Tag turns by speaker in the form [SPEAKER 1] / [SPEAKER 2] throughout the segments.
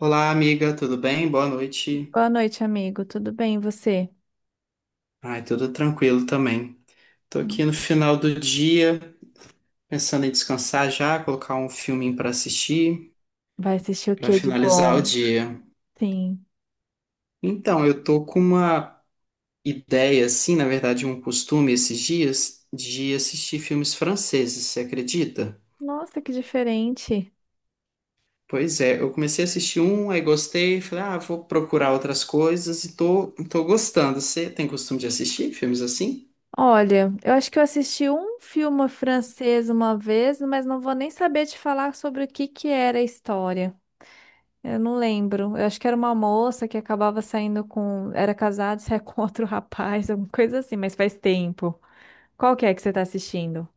[SPEAKER 1] Olá, amiga, tudo bem? Boa noite.
[SPEAKER 2] Boa noite, amigo. Tudo bem, e você?
[SPEAKER 1] Ai, tudo tranquilo também. Tô aqui
[SPEAKER 2] Hum.
[SPEAKER 1] no final do dia, pensando em descansar já, colocar um filminho para assistir,
[SPEAKER 2] Vai assistir o
[SPEAKER 1] para
[SPEAKER 2] que de
[SPEAKER 1] finalizar o
[SPEAKER 2] bom?
[SPEAKER 1] dia.
[SPEAKER 2] Sim.
[SPEAKER 1] Então, eu tô com uma ideia, assim, na verdade, um costume esses dias de assistir filmes franceses, você acredita?
[SPEAKER 2] Nossa, que diferente.
[SPEAKER 1] Pois é, eu comecei a assistir um, aí gostei, falei, ah, vou procurar outras coisas e tô gostando. Você tem costume de assistir filmes assim?
[SPEAKER 2] Olha, eu acho que eu assisti um filme francês uma vez, mas não vou nem saber te falar sobre o que era a história. Eu não lembro. Eu acho que era uma moça que acabava saindo com, era casada, saia com outro rapaz, alguma coisa assim, mas faz tempo. Qual que é que você tá assistindo?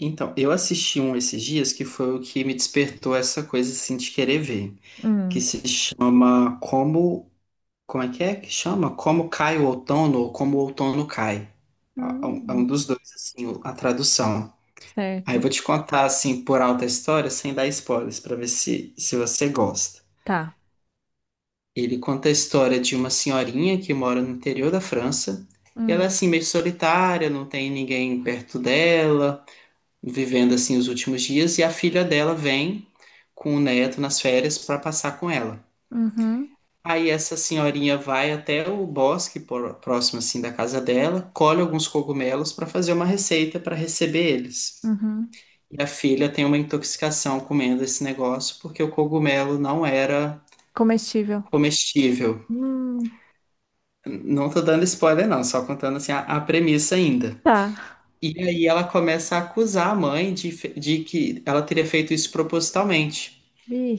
[SPEAKER 1] Então, eu assisti um esses dias que foi o que me despertou essa coisa assim de querer ver, que
[SPEAKER 2] Hum.
[SPEAKER 1] se chama Como, como é que chama? Como cai o outono ou como o outono cai. É um
[SPEAKER 2] Hum.
[SPEAKER 1] dos dois assim, a tradução. Aí eu
[SPEAKER 2] Certo.
[SPEAKER 1] vou te contar assim por alta a história, sem dar spoilers, pra ver se você gosta.
[SPEAKER 2] Tá.
[SPEAKER 1] Ele conta a história de uma senhorinha que mora no interior da França, e ela é
[SPEAKER 2] Hum.
[SPEAKER 1] assim meio solitária, não tem ninguém perto dela vivendo assim os últimos dias e a filha dela vem com o neto nas férias para passar com ela.
[SPEAKER 2] Uhum.
[SPEAKER 1] Aí essa senhorinha vai até o bosque próximo assim da casa dela, colhe alguns cogumelos para fazer uma receita para receber eles.
[SPEAKER 2] Uhum.
[SPEAKER 1] E a filha tem uma intoxicação comendo esse negócio porque o cogumelo não era
[SPEAKER 2] Comestível.
[SPEAKER 1] comestível.
[SPEAKER 2] Hum,
[SPEAKER 1] Não tô dando spoiler não, só contando assim a premissa ainda.
[SPEAKER 2] tá.
[SPEAKER 1] E aí ela começa a acusar a mãe de que ela teria feito isso propositalmente.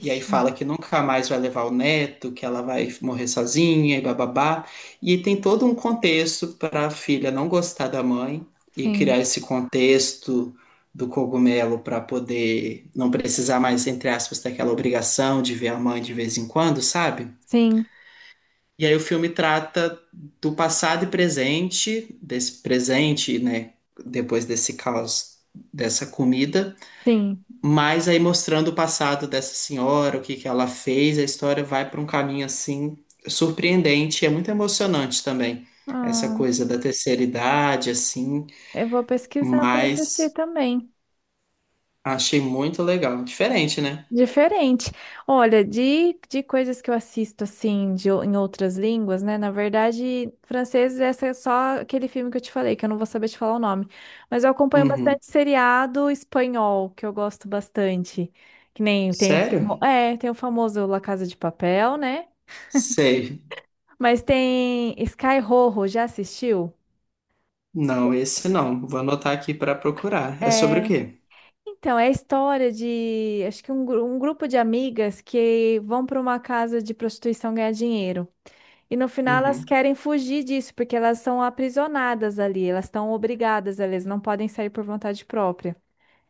[SPEAKER 1] E aí fala que nunca mais vai levar o neto, que ela vai morrer sozinha e bababá. E tem todo um contexto para a filha não gostar da mãe e
[SPEAKER 2] Sim,
[SPEAKER 1] criar esse contexto do cogumelo para poder não precisar mais, entre aspas, daquela obrigação de ver a mãe de vez em quando, sabe?
[SPEAKER 2] sim,
[SPEAKER 1] E aí o filme trata do passado e presente, desse presente, né, depois desse caos dessa comida,
[SPEAKER 2] sim.
[SPEAKER 1] mas aí mostrando o passado dessa senhora, o que que ela fez, a história vai para um caminho assim surpreendente, é muito emocionante também. Essa
[SPEAKER 2] Ah,
[SPEAKER 1] coisa da terceira idade assim,
[SPEAKER 2] eu vou pesquisar para assistir
[SPEAKER 1] mas
[SPEAKER 2] também.
[SPEAKER 1] achei muito legal, diferente, né?
[SPEAKER 2] Diferente. Olha, de coisas que eu assisto assim de, em outras línguas, né? Na verdade, francês, essa é só aquele filme que eu te falei, que eu não vou saber te falar o nome. Mas eu acompanho
[SPEAKER 1] Uhum.
[SPEAKER 2] bastante seriado espanhol, que eu gosto bastante. Que nem tem o,
[SPEAKER 1] Sério?
[SPEAKER 2] tem o famoso La Casa de Papel, né?
[SPEAKER 1] Sei.
[SPEAKER 2] Mas tem Sky Rojo, já assistiu?
[SPEAKER 1] Não, esse não. Vou anotar aqui para procurar. É sobre o
[SPEAKER 2] É.
[SPEAKER 1] quê?
[SPEAKER 2] Então, é a história de, acho que um, um grupo de amigas que vão para uma casa de prostituição ganhar dinheiro. E no final elas
[SPEAKER 1] Uhum.
[SPEAKER 2] querem fugir disso, porque elas são aprisionadas ali, elas estão obrigadas, elas não podem sair por vontade própria.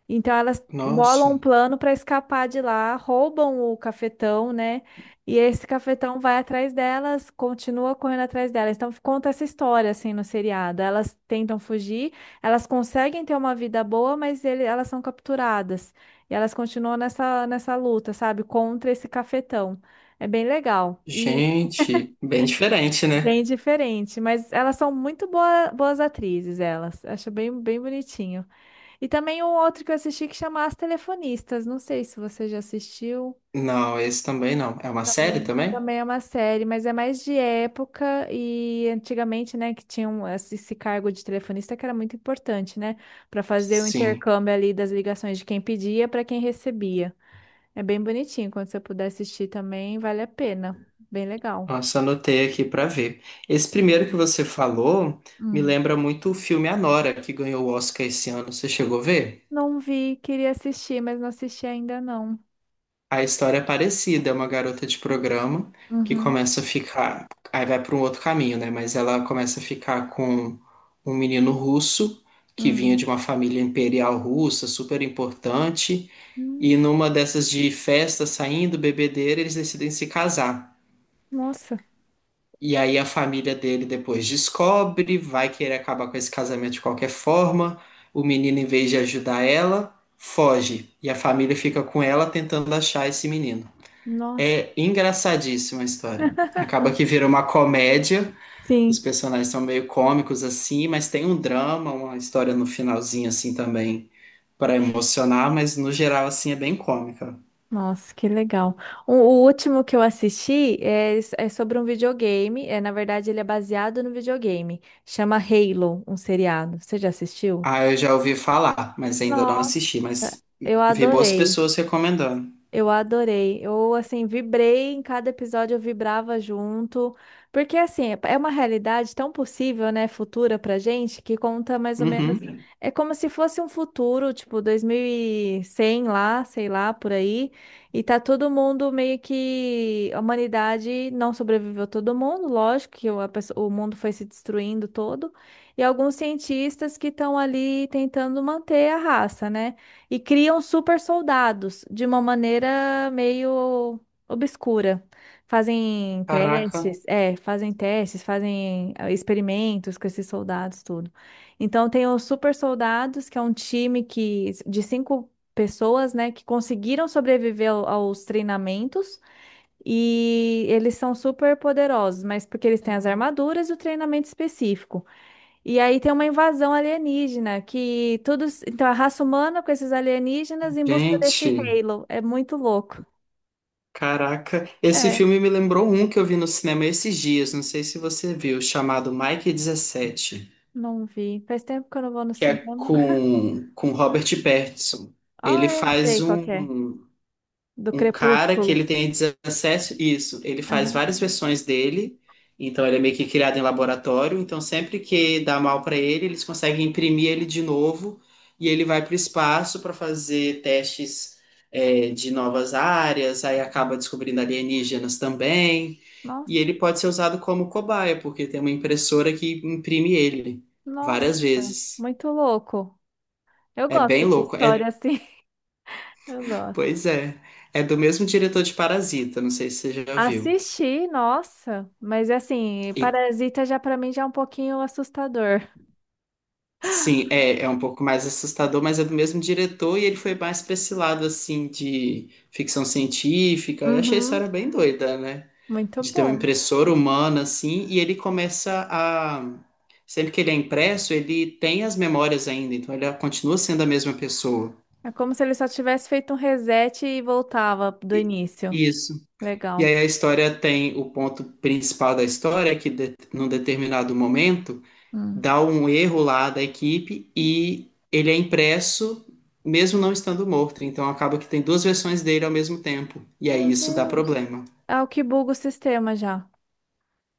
[SPEAKER 2] Então elas
[SPEAKER 1] Nossa,
[SPEAKER 2] bolam um plano para escapar de lá, roubam o cafetão, né? E esse cafetão vai atrás delas, continua correndo atrás delas. Então conta essa história assim no seriado. Elas tentam fugir, elas conseguem ter uma vida boa, mas elas são capturadas. E elas continuam nessa, nessa luta, sabe? Contra esse cafetão. É bem legal e
[SPEAKER 1] gente, bem diferente, né?
[SPEAKER 2] bem diferente, mas elas são muito boas atrizes, elas. Acho bem, bem bonitinho. E também um outro que eu assisti que chama As Telefonistas. Não sei se você já assistiu.
[SPEAKER 1] Não, esse também não. É uma série
[SPEAKER 2] Também,
[SPEAKER 1] também?
[SPEAKER 2] também é uma série, mas é mais de época e antigamente, né, que tinha esse cargo de telefonista que era muito importante, né, para fazer o
[SPEAKER 1] Sim.
[SPEAKER 2] intercâmbio ali das ligações de quem pedia para quem recebia. É bem bonitinho. Quando você puder assistir também, vale a pena. Bem legal.
[SPEAKER 1] Nossa, anotei aqui para ver. Esse primeiro que você falou me
[SPEAKER 2] Hum.
[SPEAKER 1] lembra muito o filme Anora, que ganhou o Oscar esse ano. Você chegou a ver?
[SPEAKER 2] Não vi, queria assistir, mas não assisti ainda não.
[SPEAKER 1] A história é parecida, é uma garota de programa que
[SPEAKER 2] Uhum.
[SPEAKER 1] começa a ficar, aí vai para um outro caminho, né? Mas ela começa a ficar com um menino russo que vinha
[SPEAKER 2] Hum.
[SPEAKER 1] de uma família imperial russa, super importante, e
[SPEAKER 2] Hum.
[SPEAKER 1] numa dessas de festa, saindo, bebedeira, eles decidem se casar.
[SPEAKER 2] Nossa,
[SPEAKER 1] E aí a família dele depois descobre, vai querer acabar com esse casamento de qualquer forma. O menino, em vez de ajudar ela, foge. E a família fica com ela tentando achar esse menino.
[SPEAKER 2] nossa.
[SPEAKER 1] É engraçadíssima a história. Acaba que vira uma comédia. Os
[SPEAKER 2] Sim.
[SPEAKER 1] personagens são meio cômicos assim, mas tem um drama, uma história no finalzinho assim também para emocionar, mas no geral assim é bem cômica.
[SPEAKER 2] Nossa, que legal. O último que eu assisti é sobre um videogame. É, na verdade, ele é baseado no videogame. Chama Halo, um seriado. Você já assistiu?
[SPEAKER 1] Ah, eu já ouvi falar, mas ainda não
[SPEAKER 2] Nossa.
[SPEAKER 1] assisti, mas
[SPEAKER 2] Eu
[SPEAKER 1] vi boas
[SPEAKER 2] adorei.
[SPEAKER 1] pessoas recomendando.
[SPEAKER 2] Eu adorei. Eu, assim, vibrei em cada episódio, eu vibrava junto. Porque, assim, é uma realidade tão possível, né, futura pra gente, que conta mais ou menos.
[SPEAKER 1] Uhum.
[SPEAKER 2] É como se fosse um futuro, tipo, 2100 lá, sei lá, por aí. E tá todo mundo meio que. A humanidade não sobreviveu todo mundo, lógico que o mundo foi se destruindo todo. E alguns cientistas que estão ali tentando manter a raça, né? E criam super soldados de uma maneira meio obscura. Fazem
[SPEAKER 1] Caraca,
[SPEAKER 2] testes, é, fazem testes, fazem experimentos com esses soldados, tudo. Então tem os super soldados, que é um time que de cinco pessoas, né, que conseguiram sobreviver aos treinamentos. E eles são super poderosos, mas porque eles têm as armaduras e o treinamento específico. E aí tem uma invasão alienígena, que todos. Então, a raça humana com esses alienígenas em busca desse
[SPEAKER 1] gente,
[SPEAKER 2] Halo. É muito louco.
[SPEAKER 1] caraca, esse
[SPEAKER 2] É,
[SPEAKER 1] filme me lembrou um que eu vi no cinema esses dias, não sei se você viu, chamado Mike 17,
[SPEAKER 2] não vi. Faz tempo que eu não vou no
[SPEAKER 1] que é
[SPEAKER 2] cinema.
[SPEAKER 1] com Robert Pattinson.
[SPEAKER 2] Ah,
[SPEAKER 1] Ele
[SPEAKER 2] é,
[SPEAKER 1] faz
[SPEAKER 2] sei qual que é.
[SPEAKER 1] um,
[SPEAKER 2] Do
[SPEAKER 1] um cara que
[SPEAKER 2] Crepúsculo.
[SPEAKER 1] ele tem acesso, isso, ele faz
[SPEAKER 2] Aham.
[SPEAKER 1] várias versões dele, então ele é meio que criado em laboratório, então sempre que dá mal para ele, eles conseguem imprimir ele de novo e ele vai para o espaço para fazer testes é, de novas áreas, aí acaba descobrindo alienígenas também, e ele
[SPEAKER 2] Nossa,
[SPEAKER 1] pode ser usado como cobaia, porque tem uma impressora que imprime ele
[SPEAKER 2] nossa,
[SPEAKER 1] várias vezes.
[SPEAKER 2] muito louco. Eu
[SPEAKER 1] É bem
[SPEAKER 2] gosto de
[SPEAKER 1] louco.
[SPEAKER 2] história
[SPEAKER 1] É,
[SPEAKER 2] assim. Eu gosto.
[SPEAKER 1] pois é. É do mesmo diretor de Parasita, não sei se você já viu.
[SPEAKER 2] Assisti, nossa, mas assim,
[SPEAKER 1] E
[SPEAKER 2] Parasita já pra mim já é um pouquinho assustador.
[SPEAKER 1] Sim, é um pouco mais assustador, mas é do mesmo diretor e ele foi mais pra esse lado, assim, de ficção científica. Eu achei a
[SPEAKER 2] Uhum.
[SPEAKER 1] história bem doida, né?
[SPEAKER 2] Muito
[SPEAKER 1] De ter um
[SPEAKER 2] bom.
[SPEAKER 1] impressor humano, assim, e ele começa a. Sempre que ele é impresso, ele tem as memórias ainda, então ele continua sendo a mesma pessoa.
[SPEAKER 2] É como se ele só tivesse feito um reset e voltava do
[SPEAKER 1] E-
[SPEAKER 2] início.
[SPEAKER 1] Isso. E
[SPEAKER 2] Legal.
[SPEAKER 1] aí a história tem o ponto principal da história, é que de, num determinado momento
[SPEAKER 2] Hum.
[SPEAKER 1] dá um erro lá da equipe e ele é impresso mesmo não estando morto. Então acaba que tem duas versões dele ao mesmo tempo. E aí
[SPEAKER 2] Meu
[SPEAKER 1] isso dá
[SPEAKER 2] Deus.
[SPEAKER 1] problema.
[SPEAKER 2] É o que buga o sistema já.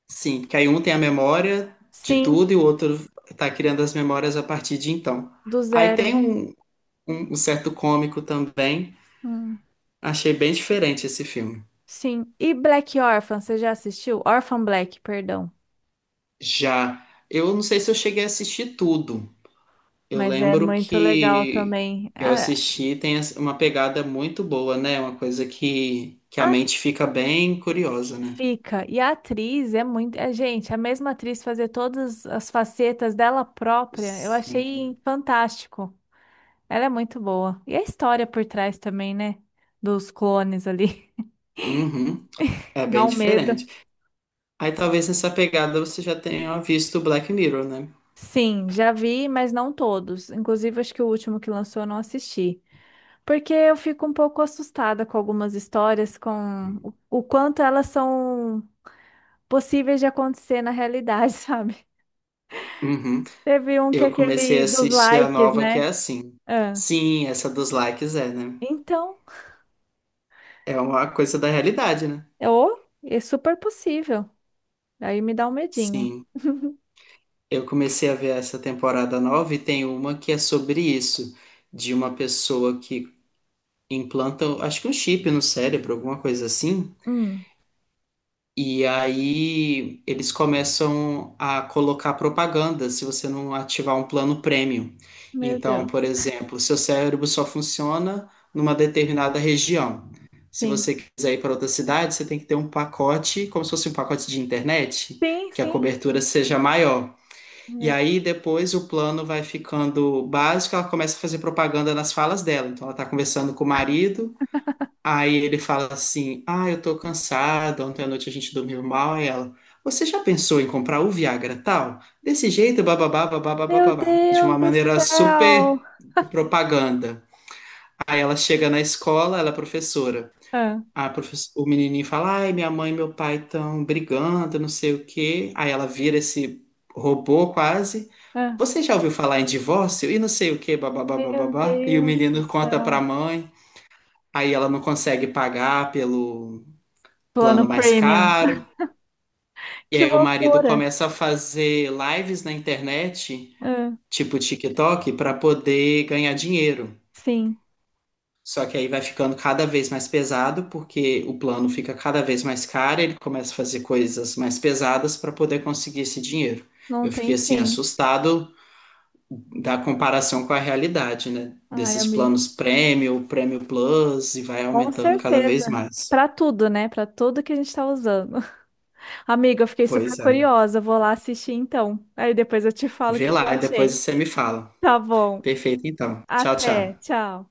[SPEAKER 1] Sim, porque aí um tem a memória de
[SPEAKER 2] Sim,
[SPEAKER 1] tudo e o outro está criando as memórias a partir de então.
[SPEAKER 2] do
[SPEAKER 1] Aí tem
[SPEAKER 2] zero.
[SPEAKER 1] um certo cômico também.
[SPEAKER 2] Hum.
[SPEAKER 1] Achei bem diferente esse filme.
[SPEAKER 2] Sim. E Black Orphan, você já assistiu? Orphan Black, perdão.
[SPEAKER 1] Já eu não sei se eu cheguei a assistir tudo. Eu
[SPEAKER 2] Mas é
[SPEAKER 1] lembro
[SPEAKER 2] muito legal
[SPEAKER 1] que
[SPEAKER 2] também.
[SPEAKER 1] eu assisti, tem as- uma pegada muito boa, né? Uma coisa que a
[SPEAKER 2] A
[SPEAKER 1] mente fica bem curiosa, né?
[SPEAKER 2] fica. E a atriz é muito. É, gente, a mesma atriz fazer todas as facetas dela própria, eu achei
[SPEAKER 1] Sim.
[SPEAKER 2] fantástico. Ela é muito boa. E a história por trás também, né? Dos clones ali.
[SPEAKER 1] Uhum. É
[SPEAKER 2] Dá
[SPEAKER 1] bem
[SPEAKER 2] um medo.
[SPEAKER 1] diferente. Aí talvez nessa pegada você já tenha visto Black Mirror, né?
[SPEAKER 2] Sim, já vi, mas não todos. Inclusive, acho que o último que lançou eu não assisti. Porque eu fico um pouco assustada com algumas histórias, com o quanto elas são possíveis de acontecer na realidade, sabe?
[SPEAKER 1] Uhum.
[SPEAKER 2] Teve um que é
[SPEAKER 1] Eu comecei a
[SPEAKER 2] aquele dos
[SPEAKER 1] assistir a
[SPEAKER 2] likes,
[SPEAKER 1] nova que é
[SPEAKER 2] né?
[SPEAKER 1] assim.
[SPEAKER 2] Ah,
[SPEAKER 1] Sim, essa dos likes é, né?
[SPEAKER 2] então,
[SPEAKER 1] É uma coisa da realidade, né?
[SPEAKER 2] eu, é super possível. Aí me dá um medinho.
[SPEAKER 1] Sim. Eu comecei a ver essa temporada nova e tem uma que é sobre isso, de uma pessoa que implantam, acho que um chip no cérebro, alguma coisa assim.
[SPEAKER 2] Hum,
[SPEAKER 1] E aí eles começam a colocar propaganda se você não ativar um plano premium.
[SPEAKER 2] meu
[SPEAKER 1] Então,
[SPEAKER 2] Deus.
[SPEAKER 1] por exemplo, seu cérebro só funciona numa determinada região. Se
[SPEAKER 2] Sim.
[SPEAKER 1] você quiser ir para outra cidade, você tem que ter um pacote, como se fosse um pacote de internet,
[SPEAKER 2] Sim,
[SPEAKER 1] que a
[SPEAKER 2] sim.
[SPEAKER 1] cobertura seja maior. E aí depois o plano vai ficando básico, ela começa a fazer propaganda nas falas dela. Então ela está conversando com o marido. Aí ele fala assim: Ah, eu tô cansado, ontem à noite a gente dormiu mal. Aí ela: Você já pensou em comprar o Viagra tal? Desse jeito, bababá, bababá,
[SPEAKER 2] Meu
[SPEAKER 1] bababá. De
[SPEAKER 2] Deus
[SPEAKER 1] uma
[SPEAKER 2] do
[SPEAKER 1] maneira super
[SPEAKER 2] céu!
[SPEAKER 1] de propaganda. Aí ela chega na escola, ela é professora.
[SPEAKER 2] Ah,
[SPEAKER 1] O menininho fala: Ai, minha mãe e meu pai estão brigando, não sei o quê. Aí ela vira esse robô quase.
[SPEAKER 2] ah.
[SPEAKER 1] Você já ouviu falar em divórcio? E não sei o quê, bababá,
[SPEAKER 2] Meu
[SPEAKER 1] bababá. E o
[SPEAKER 2] Deus do
[SPEAKER 1] menino conta pra
[SPEAKER 2] céu!
[SPEAKER 1] mãe. Aí ela não consegue pagar pelo
[SPEAKER 2] Plano
[SPEAKER 1] plano mais
[SPEAKER 2] premium.
[SPEAKER 1] caro. E
[SPEAKER 2] Que
[SPEAKER 1] aí o marido
[SPEAKER 2] loucura!
[SPEAKER 1] começa a fazer lives na internet,
[SPEAKER 2] Ah,
[SPEAKER 1] tipo TikTok, para poder ganhar dinheiro.
[SPEAKER 2] sim,
[SPEAKER 1] Só que aí vai ficando cada vez mais pesado, porque o plano fica cada vez mais caro, ele começa a fazer coisas mais pesadas para poder conseguir esse dinheiro.
[SPEAKER 2] não
[SPEAKER 1] Eu fiquei
[SPEAKER 2] tem
[SPEAKER 1] assim
[SPEAKER 2] fim.
[SPEAKER 1] assustado da comparação com a realidade, né?
[SPEAKER 2] Ai,
[SPEAKER 1] Desses
[SPEAKER 2] amiga.
[SPEAKER 1] planos Premium, Premium Plus e vai
[SPEAKER 2] Com
[SPEAKER 1] aumentando cada
[SPEAKER 2] certeza.
[SPEAKER 1] vez mais.
[SPEAKER 2] Pra tudo, né? Pra tudo que a gente tá usando. Amiga, eu fiquei super
[SPEAKER 1] Pois é.
[SPEAKER 2] curiosa. Vou lá assistir então. Aí depois eu te falo o
[SPEAKER 1] Vê
[SPEAKER 2] que que eu
[SPEAKER 1] lá e depois
[SPEAKER 2] achei.
[SPEAKER 1] você me fala.
[SPEAKER 2] Tá bom.
[SPEAKER 1] Perfeito, então. Tchau,
[SPEAKER 2] Até.
[SPEAKER 1] tchau.
[SPEAKER 2] Tchau.